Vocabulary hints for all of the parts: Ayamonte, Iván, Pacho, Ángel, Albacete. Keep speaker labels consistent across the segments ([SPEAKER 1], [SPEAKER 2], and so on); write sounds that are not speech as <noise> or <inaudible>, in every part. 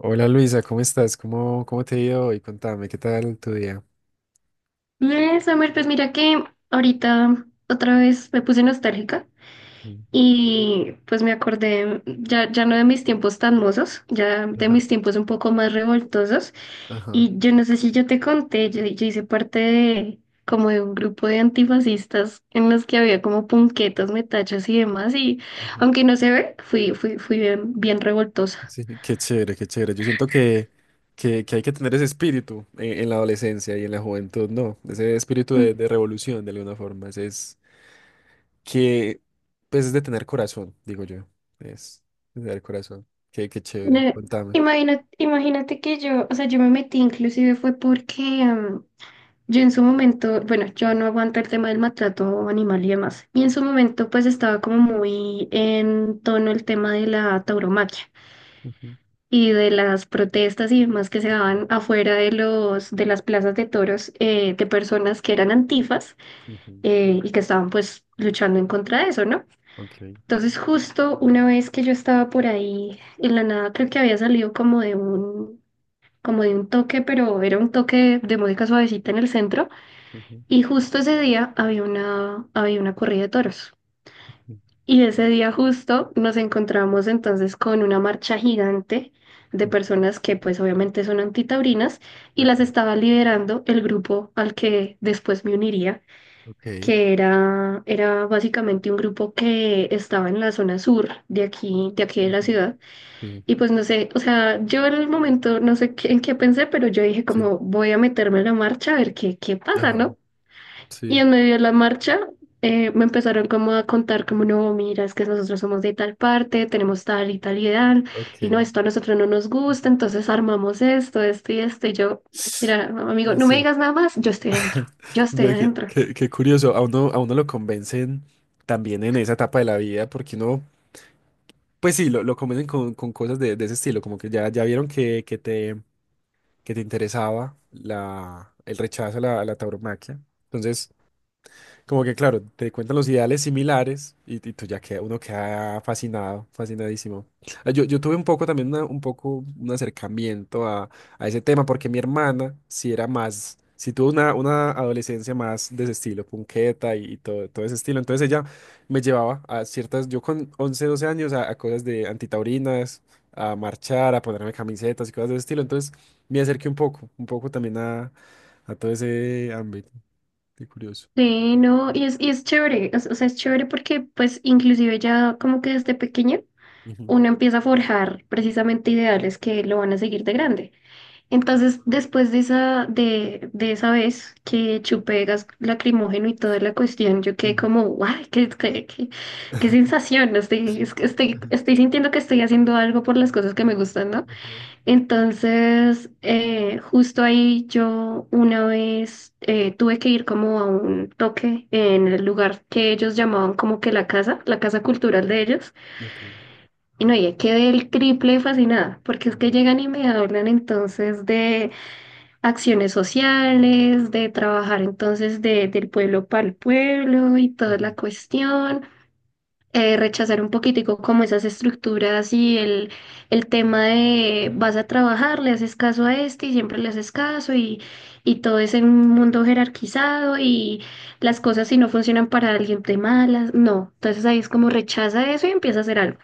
[SPEAKER 1] Hola Luisa, ¿cómo estás? ¿Cómo te ha ido hoy? Contame, ¿qué tal tu día?
[SPEAKER 2] Bien, Summer, pues mira que ahorita otra vez me puse nostálgica
[SPEAKER 1] Mm.
[SPEAKER 2] y pues me acordé ya, ya no de mis tiempos tan mozos, ya de
[SPEAKER 1] Ajá,
[SPEAKER 2] mis tiempos un poco más revoltosos.
[SPEAKER 1] ajá,
[SPEAKER 2] Y yo no sé si yo te conté, yo hice parte de como de un grupo de antifascistas en los que había como punquetas, metachos y demás. Y
[SPEAKER 1] ajá.
[SPEAKER 2] aunque no se ve, fui bien, bien revoltosa.
[SPEAKER 1] Sí, <laughs> qué chévere, qué chévere. Yo siento que hay que tener ese espíritu en la adolescencia y en la juventud, ¿no? Ese espíritu
[SPEAKER 2] Mm.
[SPEAKER 1] de revolución, de alguna forma. Que, pues, es de tener corazón, digo yo. Es de tener corazón. Qué chévere.
[SPEAKER 2] Eh,
[SPEAKER 1] Contame.
[SPEAKER 2] Imagina imagínate que yo, o sea, yo me metí inclusive fue porque. Yo en su momento, bueno, yo no aguanto el tema del maltrato animal y demás. Y en su momento, pues estaba como muy en tono el tema de la tauromaquia
[SPEAKER 1] Ujú,
[SPEAKER 2] y de las protestas y demás que se daban afuera de de las plazas de toros, de personas que eran antifas,
[SPEAKER 1] ujú.
[SPEAKER 2] y que estaban pues luchando en contra de eso, ¿no?
[SPEAKER 1] Ok.
[SPEAKER 2] Entonces, justo una vez que yo estaba por ahí, en la nada creo que había salido como de un toque, pero era un toque de música suavecita en el centro.
[SPEAKER 1] Ujú,
[SPEAKER 2] Y justo ese día había una corrida de toros.
[SPEAKER 1] ujú,
[SPEAKER 2] Y ese día justo nos encontramos entonces con una marcha gigante de
[SPEAKER 1] ujú.
[SPEAKER 2] personas que pues obviamente son antitaurinas y las
[SPEAKER 1] Ok,
[SPEAKER 2] estaba liderando el grupo al que después me uniría,
[SPEAKER 1] ok.
[SPEAKER 2] que era básicamente un grupo que estaba en la zona sur de aquí, de aquí de la
[SPEAKER 1] Ujú.
[SPEAKER 2] ciudad.
[SPEAKER 1] Sí.
[SPEAKER 2] Y pues no sé, o sea, yo en el momento no sé en qué pensé, pero yo dije
[SPEAKER 1] Sí.
[SPEAKER 2] como voy a meterme en la marcha a ver qué, qué pasa,
[SPEAKER 1] Ajá.
[SPEAKER 2] ¿no? Y
[SPEAKER 1] Sí.
[SPEAKER 2] en medio de la marcha, me empezaron como a contar como, no, mira, es que nosotros somos de tal parte, tenemos tal y tal y tal, y no,
[SPEAKER 1] Ok.
[SPEAKER 2] esto a nosotros no nos gusta, entonces armamos esto, esto y esto, y yo, mira, amigo,
[SPEAKER 1] Ya
[SPEAKER 2] no me
[SPEAKER 1] sé.
[SPEAKER 2] digas nada más, yo estoy
[SPEAKER 1] Ve, Qué,
[SPEAKER 2] adentro.
[SPEAKER 1] qué- qué curioso, a uno lo convencen también en esa etapa de la vida, porque uno, pues sí, lo convencen con cosas de ese estilo, como que ya, ya vieron que te interesaba la, el rechazo a la tauromaquia. Entonces, como que, claro, te cuentan los ideales similares y tú uno queda fascinado, fascinadísimo. Ah, yo tuve un poco también un acercamiento a ese tema porque mi hermana sí tuvo una adolescencia más de ese estilo, punqueta y todo ese estilo. Entonces ella me llevaba a ciertas, yo con 11 12 años, a cosas de antitaurinas, a marchar, a ponerme camisetas y cosas de ese estilo. Entonces me acerqué un poco también a todo ese ámbito. Qué curioso.
[SPEAKER 2] Sí, no, y es chévere, o sea, es chévere porque pues inclusive ya como que desde pequeño
[SPEAKER 1] Ujú.
[SPEAKER 2] uno empieza a forjar precisamente ideales que lo van a seguir de grande. Entonces, después de de esa vez que chupé gas lacrimógeno y toda la cuestión, yo quedé
[SPEAKER 1] Ujú.
[SPEAKER 2] como, guau, qué
[SPEAKER 1] <laughs>
[SPEAKER 2] sensación, ¿no? Estoy, es que estoy sintiendo que estoy haciendo algo por las cosas que me gustan, ¿no?
[SPEAKER 1] Ujú.
[SPEAKER 2] Entonces, justo ahí yo una vez, tuve que ir como a un toque en el lugar que ellos llamaban como que la casa cultural de ellos,
[SPEAKER 1] Ok.
[SPEAKER 2] y no, y quedé el triple fascinada, porque es que
[SPEAKER 1] Ujú,
[SPEAKER 2] llegan y me hablan entonces de acciones sociales, de trabajar entonces del pueblo para el pueblo y toda
[SPEAKER 1] ujú,
[SPEAKER 2] la cuestión, rechazar un poquitico como esas estructuras el tema de vas a trabajar, le haces caso a este y siempre le haces caso y todo es en un mundo jerarquizado y las cosas si no funcionan para alguien te malas, no, entonces ahí es como rechaza eso y empieza a hacer algo.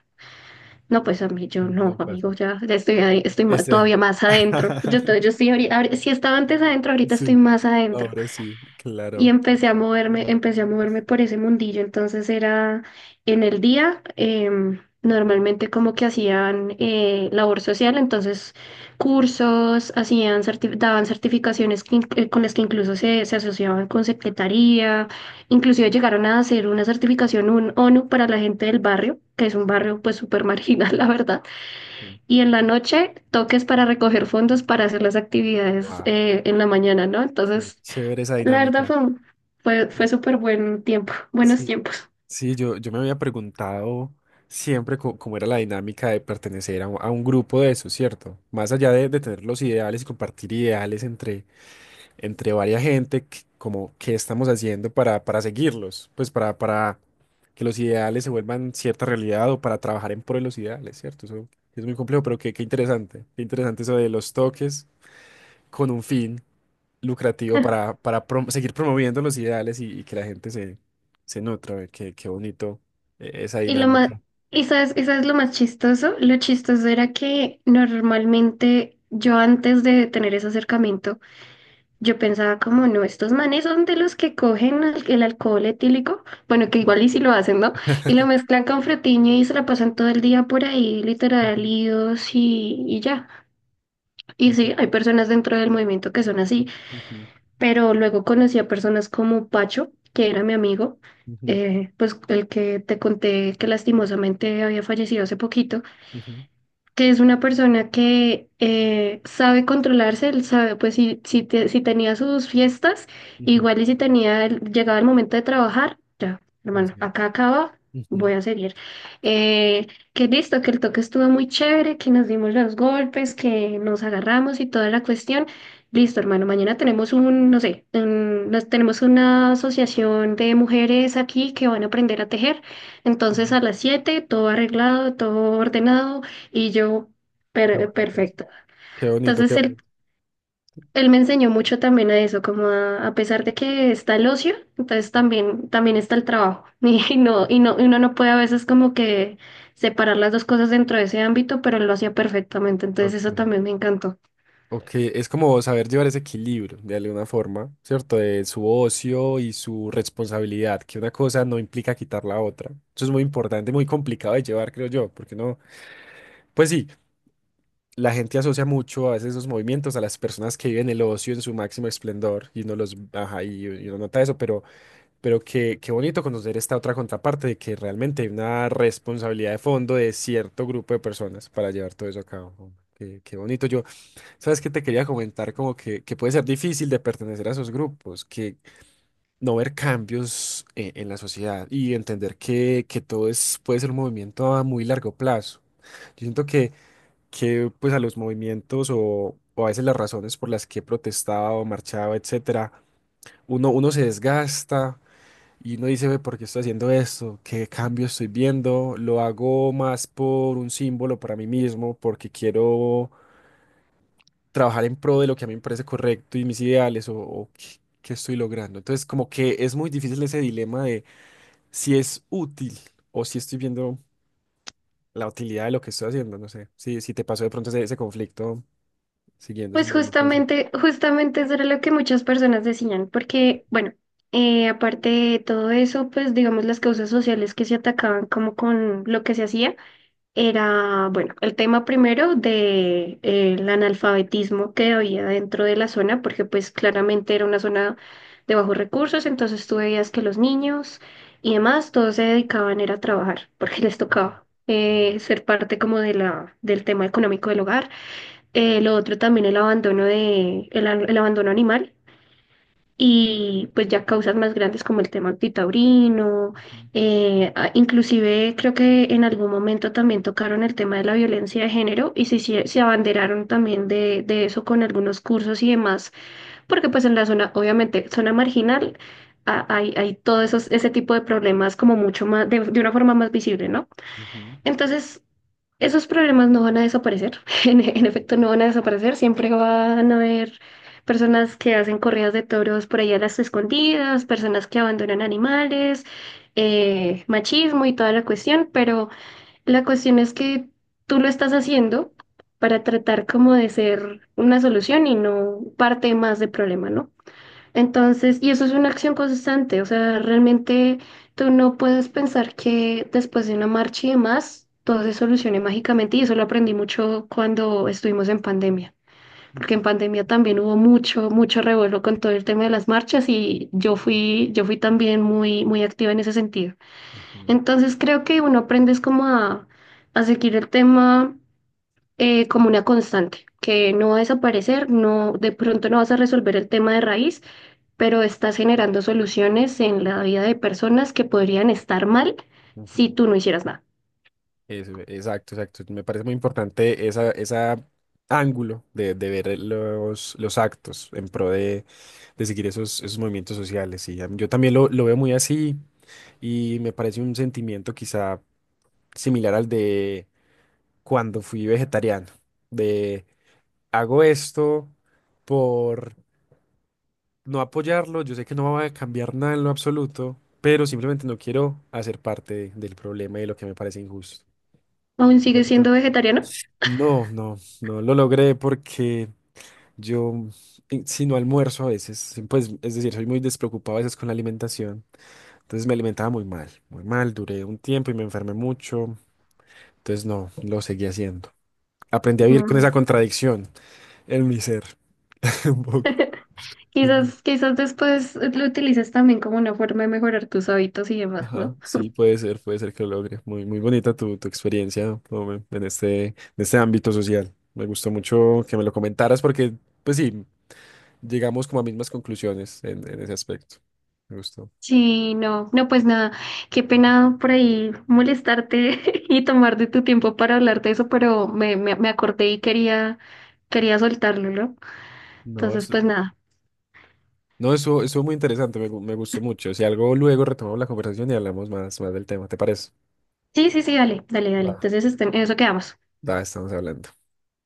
[SPEAKER 2] No, pues a mí yo no,
[SPEAKER 1] ujú,
[SPEAKER 2] amigo,
[SPEAKER 1] Batman.
[SPEAKER 2] ya estoy, estoy
[SPEAKER 1] Es
[SPEAKER 2] todavía
[SPEAKER 1] cierto.
[SPEAKER 2] más adentro. Yo, yo
[SPEAKER 1] <laughs>
[SPEAKER 2] estoy ahorita, si estaba antes adentro, ahorita estoy
[SPEAKER 1] Sí,
[SPEAKER 2] más adentro.
[SPEAKER 1] ahora sí,
[SPEAKER 2] Y
[SPEAKER 1] claro.
[SPEAKER 2] empecé a moverme por ese mundillo. Entonces era en el día, normalmente como que hacían, labor social, entonces cursos, hacían, daban certificaciones con las que incluso se asociaban con secretaría. Inclusive llegaron a hacer una certificación un ONU para la gente del barrio, que es un barrio pues súper marginal, <laughs> la verdad,
[SPEAKER 1] Sí.
[SPEAKER 2] y en la noche, toques para recoger fondos para hacer las actividades,
[SPEAKER 1] Guau,
[SPEAKER 2] en la mañana, ¿no?
[SPEAKER 1] qué
[SPEAKER 2] Entonces,
[SPEAKER 1] chévere esa
[SPEAKER 2] la verdad
[SPEAKER 1] dinámica.
[SPEAKER 2] fue, fue
[SPEAKER 1] Sí,
[SPEAKER 2] súper buen tiempo, buenos
[SPEAKER 1] sí,
[SPEAKER 2] tiempos.
[SPEAKER 1] sí, yo me había preguntado siempre cómo era la dinámica de pertenecer a un grupo de eso, ¿cierto? Más allá de tener los ideales y compartir ideales entre varias gente, como qué estamos haciendo para seguirlos, pues para que los ideales se vuelvan cierta realidad o para trabajar en pro de los ideales, ¿cierto? Eso es muy complejo, pero qué interesante, qué interesante eso de los toques con un fin lucrativo
[SPEAKER 2] <laughs>
[SPEAKER 1] para seguir promoviendo los ideales y que la gente se nutra, ve, qué bonito, esa
[SPEAKER 2] Y lo más,
[SPEAKER 1] dinámica.
[SPEAKER 2] y sabes lo más chistoso, lo chistoso era que normalmente yo antes de tener ese acercamiento, yo pensaba como, no, estos manes son de los que cogen alcohol etílico, bueno, que igual y si lo hacen, ¿no? Y lo mezclan con frutiño y se la pasan todo el día por ahí, literal,
[SPEAKER 1] Ujú,
[SPEAKER 2] líos y ya. Y
[SPEAKER 1] ujú,
[SPEAKER 2] sí, hay personas dentro del movimiento que son así, pero luego conocí a personas como Pacho, que era mi amigo,
[SPEAKER 1] ujú, ujú,
[SPEAKER 2] pues el que te conté que lastimosamente había fallecido hace poquito,
[SPEAKER 1] ujú,
[SPEAKER 2] que es una persona que, sabe controlarse, él sabe, pues si, si tenía sus fiestas,
[SPEAKER 1] ujú.
[SPEAKER 2] igual y si tenía, llegaba el momento de trabajar, ya,
[SPEAKER 1] No
[SPEAKER 2] hermano,
[SPEAKER 1] sé.
[SPEAKER 2] acá acaba,
[SPEAKER 1] Ujú,
[SPEAKER 2] voy a seguir. Eh, que listo, que el toque estuvo muy chévere, que nos dimos los golpes, que nos agarramos y toda la cuestión. Listo, hermano, mañana tenemos un, no sé, tenemos una asociación de mujeres aquí que van a aprender a tejer. Entonces
[SPEAKER 1] ujú.
[SPEAKER 2] a las 7 todo arreglado, todo ordenado y yo,
[SPEAKER 1] Qué bonito.
[SPEAKER 2] perfecto.
[SPEAKER 1] Qué bonito,
[SPEAKER 2] Entonces
[SPEAKER 1] qué bonito.
[SPEAKER 2] él me enseñó mucho también a eso, como a pesar de que está el ocio, entonces también, también está el trabajo. <laughs> Y no, y no, y uno no puede a veces como que separar las dos cosas dentro de ese ámbito, pero él lo hacía perfectamente. Entonces eso
[SPEAKER 1] Ok.
[SPEAKER 2] también me encantó.
[SPEAKER 1] Ok, es como saber llevar ese equilibrio de alguna forma, ¿cierto? De su ocio y su responsabilidad, que una cosa no implica quitar la otra. Eso es muy importante, muy complicado de llevar, creo yo, porque no, pues sí, la gente asocia mucho a veces esos movimientos a las personas que viven el ocio en su máximo esplendor y uno los, ajá, y uno nota eso, pero qué bonito conocer esta otra contraparte de que realmente hay una responsabilidad de fondo de cierto grupo de personas para llevar todo eso a cabo. Qué bonito. ¿Sabes qué te quería comentar? Como que puede ser difícil de pertenecer a esos grupos, que no ver cambios, en la sociedad y entender que todo es, puede ser un movimiento a muy largo plazo. Yo siento que pues a los movimientos o a veces las razones por las que he protestado, marchado, etcétera, uno se desgasta y uno dice, ve, ¿por qué estoy haciendo esto? ¿Qué cambio estoy viendo? Lo hago más por un símbolo para mí mismo, porque quiero trabajar en pro de lo que a mí me parece correcto y mis ideales o qué estoy logrando. Entonces, como que es muy difícil ese dilema de si es útil o si estoy viendo la utilidad de lo que estoy haciendo. No sé, si te pasó de pronto ese conflicto siguiendo ese
[SPEAKER 2] Pues
[SPEAKER 1] movimiento así.
[SPEAKER 2] justamente, justamente eso era lo que muchas personas decían, porque, bueno, aparte de todo eso, pues digamos las causas sociales que se atacaban como con lo que se hacía era, bueno, el tema primero de, el analfabetismo que había dentro de la zona, porque pues claramente era una zona de bajos recursos, entonces tú veías que los niños y demás, todos se dedicaban era a trabajar, <laughs> porque les
[SPEAKER 1] Ujú,
[SPEAKER 2] tocaba.
[SPEAKER 1] ujú,
[SPEAKER 2] Ser parte como de la, del tema económico del hogar. Lo otro también el abandono el abandono animal, y pues ya causas más grandes como el tema antitaurino, inclusive creo que en algún momento también tocaron el tema de la violencia de género se abanderaron también de eso con algunos cursos y demás, porque pues en la zona, obviamente, zona marginal, hay todo esos, ese tipo de problemas como mucho más, de una forma más visible, ¿no?
[SPEAKER 1] ujú,
[SPEAKER 2] Entonces. Esos problemas no van a desaparecer, <laughs> en efecto no van a desaparecer, siempre van a haber personas que hacen corridas de toros por ahí a las escondidas, personas que abandonan animales, machismo y toda la cuestión, pero la cuestión es que tú lo estás haciendo para tratar como de ser una solución y no parte más del problema, ¿no? Entonces, y eso es una acción constante, o sea, realmente tú no puedes pensar que después de una marcha y demás, todo se solucione mágicamente, y eso lo aprendí mucho cuando estuvimos en pandemia, porque
[SPEAKER 1] ujú,
[SPEAKER 2] en pandemia también hubo mucho, mucho revuelo con todo el tema de las marchas y yo fui también muy, muy activa en ese sentido.
[SPEAKER 1] ujú,
[SPEAKER 2] Entonces, creo que uno aprende es como a seguir el tema, como una constante, que no va a desaparecer, no, de pronto no vas a resolver el tema de raíz pero estás generando soluciones en la vida de personas que podrían estar mal si
[SPEAKER 1] ujú.
[SPEAKER 2] tú no hicieras nada.
[SPEAKER 1] Eso, exacto, exacto. Me parece muy importante esa ángulo de ver los actos en pro de seguir esos movimientos sociales. Y yo también lo veo muy así y me parece un sentimiento quizá similar al de cuando fui vegetariano, de hago esto por no apoyarlo, yo sé que no va a cambiar nada en lo absoluto, pero simplemente no quiero hacer parte del problema y de lo que me parece injusto.
[SPEAKER 2] ¿Aún
[SPEAKER 1] Muy
[SPEAKER 2] sigues siendo
[SPEAKER 1] bonito.
[SPEAKER 2] vegetariano?
[SPEAKER 1] No, no, no lo logré porque yo, si no almuerzo a veces, pues es decir, soy muy despreocupado a veces con la alimentación. Entonces me alimentaba muy mal, duré un tiempo y me enfermé mucho, entonces no, lo seguí haciendo. Aprendí a vivir con esa
[SPEAKER 2] Mm.
[SPEAKER 1] contradicción en mi ser, <laughs> un poco.
[SPEAKER 2] <laughs> Quizás, quizás después lo utilices también como una forma de mejorar tus hábitos y demás,
[SPEAKER 1] Ajá,
[SPEAKER 2] ¿no?
[SPEAKER 1] sí, puede ser que lo logre. Muy, muy bonita tu experiencia, ¿no?, en este ámbito social. Me gustó mucho que me lo comentaras porque, pues sí, llegamos como a mismas conclusiones en ese aspecto. Me gustó.
[SPEAKER 2] Sí, no, no, pues nada, qué pena por ahí molestarte <laughs> y tomar de tu tiempo para hablar de eso, pero me acordé y quería, quería soltarlo, ¿no?
[SPEAKER 1] No,
[SPEAKER 2] Entonces,
[SPEAKER 1] eso,
[SPEAKER 2] pues nada.
[SPEAKER 1] no, eso muy interesante, me gustó mucho. Si algo, luego retomamos la conversación y hablamos más, más del tema, ¿te parece?
[SPEAKER 2] Sí, sí, sí, dale, dale, dale.
[SPEAKER 1] Va.
[SPEAKER 2] Entonces, en eso quedamos.
[SPEAKER 1] Da, estamos hablando.